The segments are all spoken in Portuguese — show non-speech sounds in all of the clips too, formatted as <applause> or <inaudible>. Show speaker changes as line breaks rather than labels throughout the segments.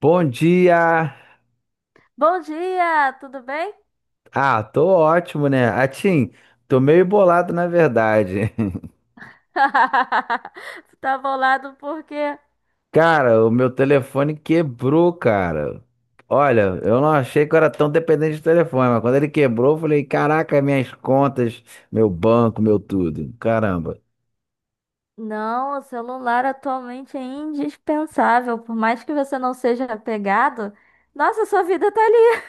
Bom dia!
Bom dia, tudo bem?
Tô ótimo, né? Atim, tô meio bolado na verdade.
<laughs> Tu tá bolado porque
<laughs> Cara, o meu telefone quebrou, cara. Olha, eu não achei que eu era tão dependente de telefone, mas quando ele quebrou, eu falei: caraca, minhas contas, meu banco, meu tudo. Caramba.
não, o celular atualmente é indispensável, por mais que você não seja apegado. Nossa, sua vida tá ali.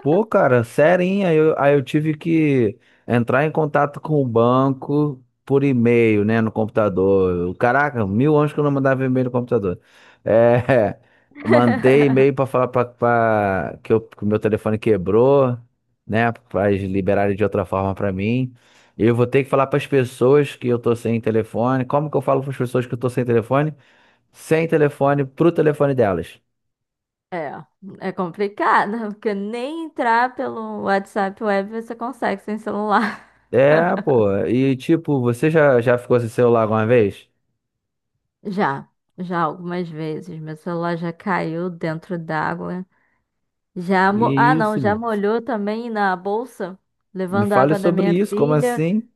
Pô, cara, serinha, aí eu tive que entrar em contato com o banco por e-mail, né, no computador. Caraca, mil anos que eu não mandava e-mail no computador. É, <laughs> mandei e-mail pra
<laughs>
falar que, que o meu telefone quebrou, né, pra eles liberarem de outra forma pra mim. E eu vou ter que falar pras pessoas que eu tô sem telefone. Como que eu falo pras pessoas que eu tô sem telefone? Sem telefone pro telefone delas.
É, é complicado, porque nem entrar pelo WhatsApp Web você consegue sem celular.
É, pô. E tipo, você já ficou sem celular alguma vez?
<laughs> Já, já algumas vezes, meu celular já caiu dentro d'água. Já
Que
mo... Ah, não,
isso,
já
meu?
molhou também na bolsa,
Me
levando a
fale
água da
sobre
minha
isso. Como
filha.
assim?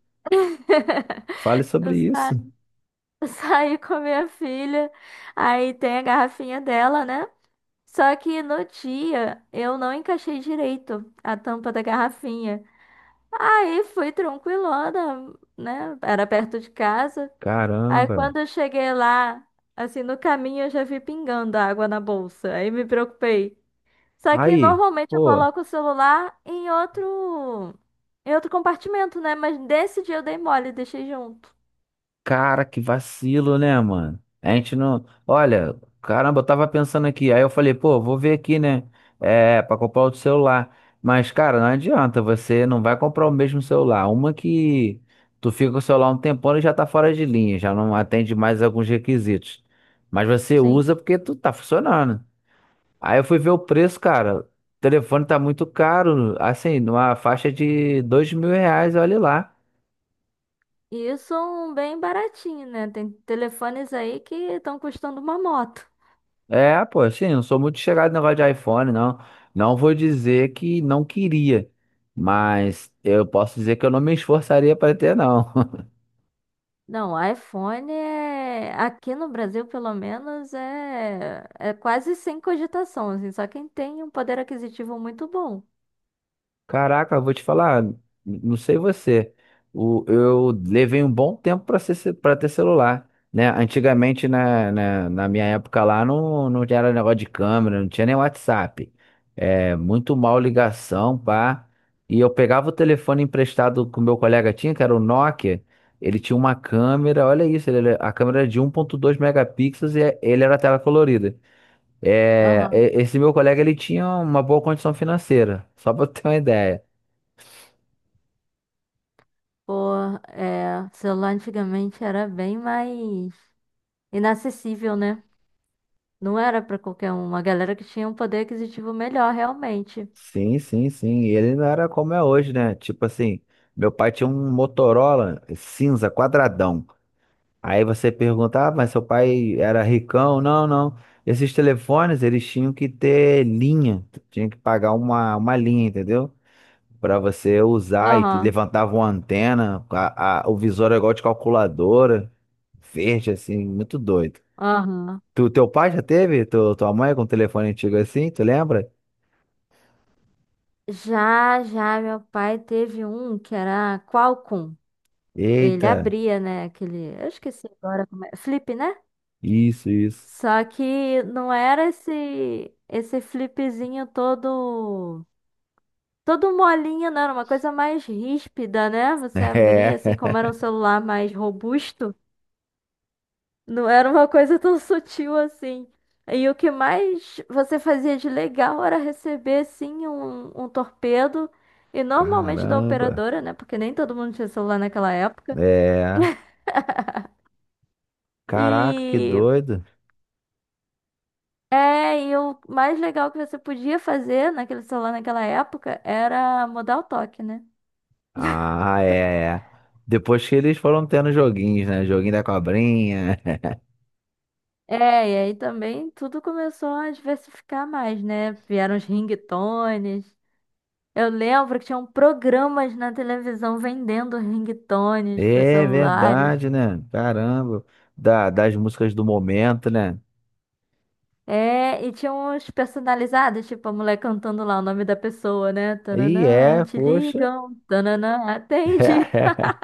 Fale
<laughs>
sobre
Eu
isso.
sa- eu saí com a minha filha, aí tem a garrafinha dela, né? Só que no dia eu não encaixei direito a tampa da garrafinha. Aí fui tranquilona, né? Era perto de casa. Aí
Caramba.
quando eu cheguei lá, assim, no caminho eu já vi pingando água na bolsa. Aí me preocupei. Só que
Aí,
normalmente eu
pô.
coloco o celular em outro compartimento, né? Mas desse dia eu dei mole, deixei junto.
Cara, que vacilo, né, mano? A gente não. Olha, caramba, eu tava pensando aqui. Aí eu falei, pô, vou ver aqui, né? É, pra comprar outro celular. Mas, cara, não adianta, você não vai comprar o mesmo celular. Uma que tu fica com o celular um tempão e já tá fora de linha, já não atende mais alguns requisitos. Mas você
Sim.
usa porque tu tá funcionando. Aí eu fui ver o preço, cara. O telefone tá muito caro, assim, numa faixa de R$ 2.000, olha lá.
E isso é um bem baratinho, né? Tem telefones aí que estão custando uma moto.
É, pô, assim, não sou muito chegado no negócio de iPhone, não. Não vou dizer que não queria, mas eu posso dizer que eu não me esforçaria para ter, não. <laughs>
Não, iPhone é, aqui no Brasil, pelo menos, é, é quase sem cogitação, assim, só quem tem um poder aquisitivo muito bom.
Caraca, eu vou te falar, não sei você, eu levei um bom tempo para ser, para ter celular, né? Antigamente, na minha época lá, não era negócio de câmera, não tinha nem WhatsApp. É, muito mal ligação, pá. E eu pegava o telefone emprestado que o meu colega tinha, que era o Nokia, ele tinha uma câmera, olha isso, ele, a câmera era de 1.2 megapixels e ele era tela colorida. É,
Aham.
esse meu colega, ele tinha uma boa condição financeira, <laughs> só para ter uma ideia.
Pô, é, celular antigamente era bem mais inacessível, né? Não era pra qualquer um, uma galera que tinha um poder aquisitivo melhor, realmente.
Sim, sim, sim. E ele não era como é hoje, né? Tipo assim, meu pai tinha um Motorola cinza, quadradão. Aí você pergunta, ah, mas seu pai era ricão? Não, não. Esses telefones, eles tinham que ter linha. Tinha que pagar uma linha, entendeu? Pra você usar e
Aham,
levantava uma antena, o visor era igual de calculadora, verde, assim, muito doido.
aham.
Tu, teu pai já teve? Tu, tua mãe com um telefone antigo assim, tu lembra?
Já, já, meu pai teve um que era Qualcomm. Ele
Eita,
abria, né, aquele... Eu esqueci agora como é. Flip, né?
isso, isso.
Só que não era esse, esse flipzinho todo... Todo molinho, não, era uma coisa mais ríspida, né?
<laughs>
Você abria,
É,
assim, como era um celular mais robusto. Não era uma coisa tão sutil assim. E o que mais você fazia de legal era receber, sim, um torpedo. E normalmente da
caramba.
operadora, né? Porque nem todo mundo tinha celular naquela época.
É, caraca, que
E
doido.
é, e o mais legal que você podia fazer naquele celular naquela época era mudar o toque, né?
Ah, é, é. Depois que eles foram tendo joguinhos, né? Joguinho da cobrinha. <laughs>
É, e aí também tudo começou a diversificar mais, né? Vieram os ringtones. Eu lembro que tinham programas na televisão vendendo ringtones para
É
celulares.
verdade, né? Caramba. Da, das músicas do momento, né?
É, e tinha uns personalizados, tipo a mulher cantando lá o nome da pessoa, né?
E
Tananã,
é,
te
poxa.
ligam, tananã, atende. <laughs>
<laughs>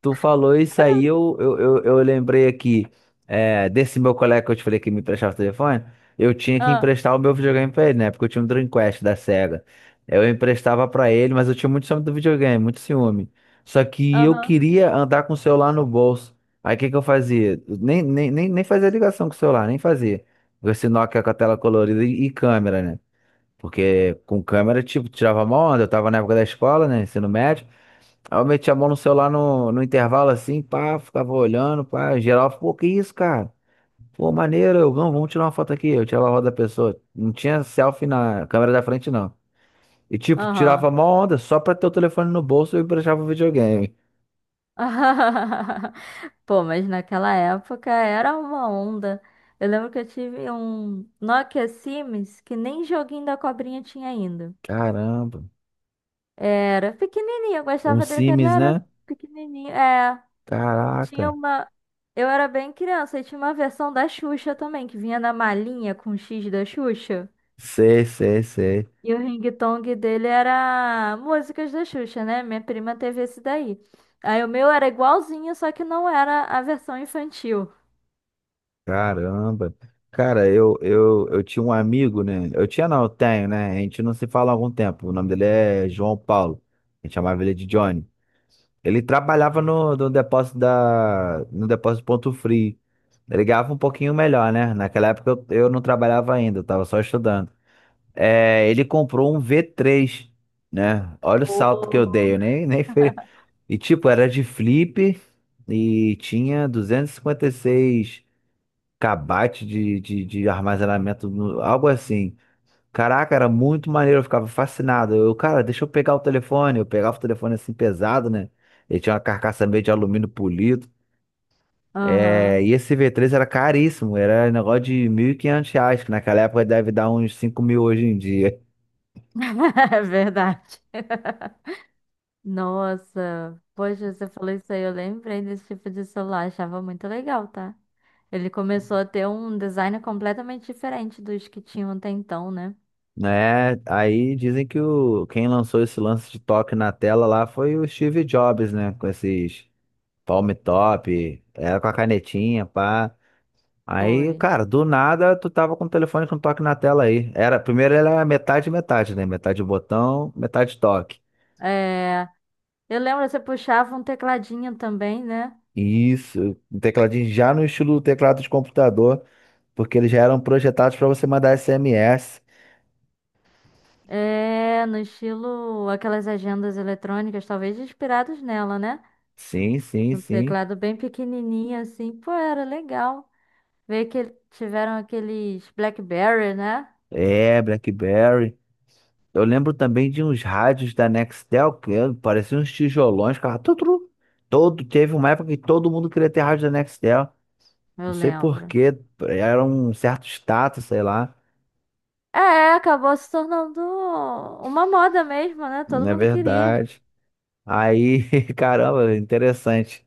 Tu falou isso aí, eu lembrei aqui é, desse meu colega que eu te falei que me emprestava o telefone. Eu tinha que
Ah,
emprestar o meu videogame pra ele, né? Porque eu tinha um Dreamcast da Sega. Eu emprestava pra ele, mas eu tinha muito ciúme do videogame, muito ciúme. Só que eu
aham,
queria andar com o celular no bolso. Aí o que que eu fazia? Nem fazia ligação com o celular, nem fazia. Esse Nokia com a tela colorida e câmera, né? Porque com câmera, tipo, tirava mó onda. Eu tava na época da escola, né? Ensino médio. Aí eu meti a mão no celular no intervalo assim, pá, ficava olhando, pá, geral, pô, que isso, cara? Pô, maneiro, não, vamos tirar uma foto aqui. Eu tirava a roda da pessoa. Não tinha selfie na câmera da frente, não. E tipo, tirava
aham.
a onda só pra ter o telefone no bolso e emprestava o videogame.
<laughs> Pô, mas naquela época era uma onda. Eu lembro que eu tive um Nokia Sims que nem joguinho da cobrinha tinha ainda.
Caramba.
Era pequenininho, eu
Um
gostava dele, porque ele
Sims,
era
né?
pequenininho. É. Tinha
Caraca.
uma. Eu era bem criança e tinha uma versão da Xuxa também, que vinha na malinha com o X da Xuxa.
Sei, sei, sei.
E o ringtone dele era músicas da Xuxa, né? Minha prima teve esse daí. Aí o meu era igualzinho, só que não era a versão infantil.
Caramba. Cara, eu tinha um amigo, né? Eu tinha, não, eu tenho, né? A gente não se fala há algum tempo. O nome dele é João Paulo. A gente chamava ele de Johnny. Ele trabalhava no depósito no depósito Ponto Frio. Ele ganhava um pouquinho melhor, né? Naquela época eu não trabalhava ainda, eu tava só estudando. É, ele comprou um v três, né? Olha o salto que eu
Oh.
dei, eu nem, nem fez. E tipo, era de flip e tinha 256 kbytes de armazenamento, algo assim. Caraca, era muito maneiro, eu ficava fascinado. Eu, cara, deixa eu pegar o telefone. Eu pegava o telefone assim pesado, né? Ele tinha uma carcaça meio de alumínio polido. É,
Aham.
e esse v três era caríssimo, era negócio de R$ 1.500, que naquela época deve dar uns 5.000 hoje em dia. <laughs>
<laughs> É verdade. Nossa. Poxa, você falou isso aí, eu lembrei desse tipo de celular, achava muito legal, tá? Ele começou a ter um design completamente diferente dos que tinham até então, né?
Né? Aí dizem que quem lançou esse lance de toque na tela lá foi o Steve Jobs, né? Com esses palm top, era com a canetinha, pá. Aí,
Foi.
cara, do nada tu tava com o telefone com toque na tela aí. Era, primeiro era metade metade, né? Metade botão, metade toque.
É, eu lembro, você puxava um tecladinho também, né?
Isso, um tecladinho já no estilo do teclado de computador, porque eles já eram projetados para você mandar SMS.
É, no estilo aquelas agendas eletrônicas, talvez inspirados nela, né?
Sim, sim,
Um
sim.
teclado bem pequenininho assim. Pô, era legal. Ver que tiveram aqueles BlackBerry, né?
É, BlackBerry. Eu lembro também de uns rádios da Nextel que eh, pareciam uns tijolões, cara. Tu, tu, tu. Todo, teve uma época que todo mundo queria ter rádio da Nextel.
Eu
Não sei por
lembro.
quê, era um certo status, sei lá.
É, acabou se tornando uma moda mesmo, né? Todo
Não é
mundo queria.
verdade. Aí, <laughs> caramba, interessante.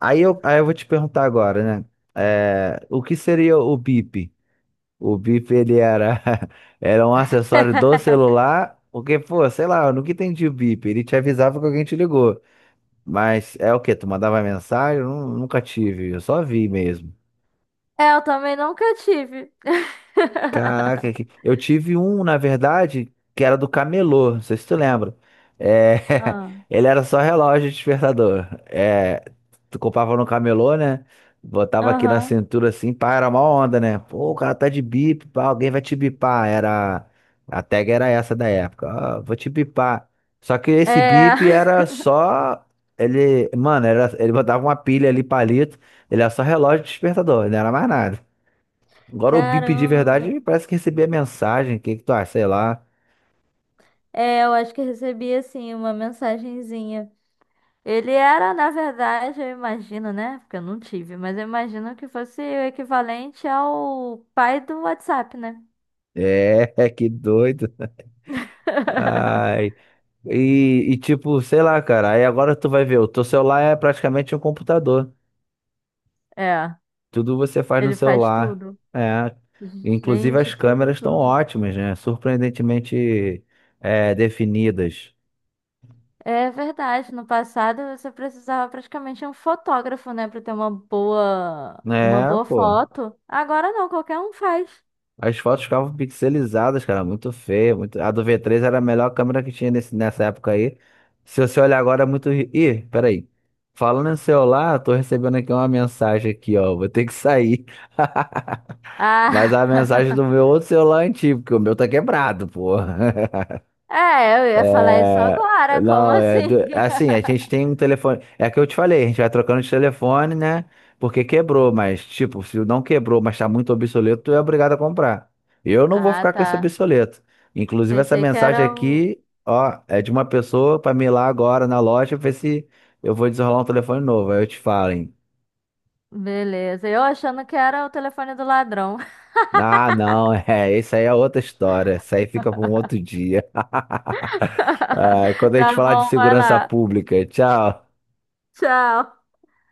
Aí eu vou te perguntar agora, né? É, o que seria o bip? O bip ele era, <laughs> era um acessório do
<laughs>
celular, porque, pô, sei lá, eu nunca entendi o bip. Ele te avisava que alguém te ligou. Mas é o quê? Tu mandava mensagem? Eu nunca tive, eu só vi mesmo.
É, eu também nunca tive.
Caraca, que-
<laughs>
eu tive um, na verdade, que era do camelô, não sei se tu lembra. É,
Ah,
<laughs> ele era só relógio de despertador. É, tu comprava no camelô, né? Botava aqui na
aham.
cintura assim, pá, era uma onda, né? Pô, o cara tá de bip, pá, alguém vai te bipar. Era, a tag era essa da época. Ah, vou te bipar. Só que esse
É.
bip era
<laughs>
só, ele, mano, era, ele botava uma pilha ali, palito, ele era só relógio de despertador, não era mais nada. Agora o bip de
Caramba.
verdade parece que recebi a mensagem. O que que tu acha? Sei lá.
É, eu acho que eu recebi assim uma mensagenzinha. Ele era, na verdade, eu imagino, né? Porque eu não tive, mas eu imagino que fosse o equivalente ao pai do WhatsApp, né?
É, <laughs> que doido. Ai.
<laughs>
E tipo, sei lá, cara. Aí agora tu vai ver, o teu celular é praticamente um computador.
É,
Tudo você faz no
ele faz
celular.
tudo.
É. Inclusive
Gente,
as
tudo,
câmeras estão
tudo.
ótimas, né? Surpreendentemente é, definidas.
É verdade, no passado você precisava praticamente de um fotógrafo, né, para ter uma
É,
boa
pô.
foto. Agora não, qualquer um faz.
As fotos ficavam pixelizadas, cara, muito feio, muito... A do V3 era a melhor câmera que tinha nessa época aí. Se você olhar agora é muito... Ih, peraí. Falando em celular, eu tô recebendo aqui uma mensagem aqui, ó. Vou ter que sair. <laughs> Mas a mensagem do
Ah, <laughs>
meu outro celular é antigo, porque o meu tá quebrado, pô. <laughs>
é, eu ia falar isso
É,
agora, como
não,
assim?
assim, a
<laughs>
gente tem um telefone. É que eu te falei, a gente vai trocando de telefone, né? Porque quebrou, mas, tipo, se não quebrou, mas tá muito obsoleto, tu é obrigado a comprar. Eu não vou
Ah,
ficar com esse
tá.
obsoleto. Inclusive, essa
Pensei que
mensagem
era o.
aqui, ó, é de uma pessoa pra me ir lá agora na loja ver se eu vou desenrolar um telefone novo. Aí eu te falo, hein?
Beleza, eu achando que era o telefone do ladrão.
Ah, não, <laughs> é, isso aí é outra história. Isso aí fica pra um outro dia. <laughs> Ah, e quando
<laughs>
a gente
Tá
falar de
bom, vai
segurança
lá.
pública, tchau.
Tchau.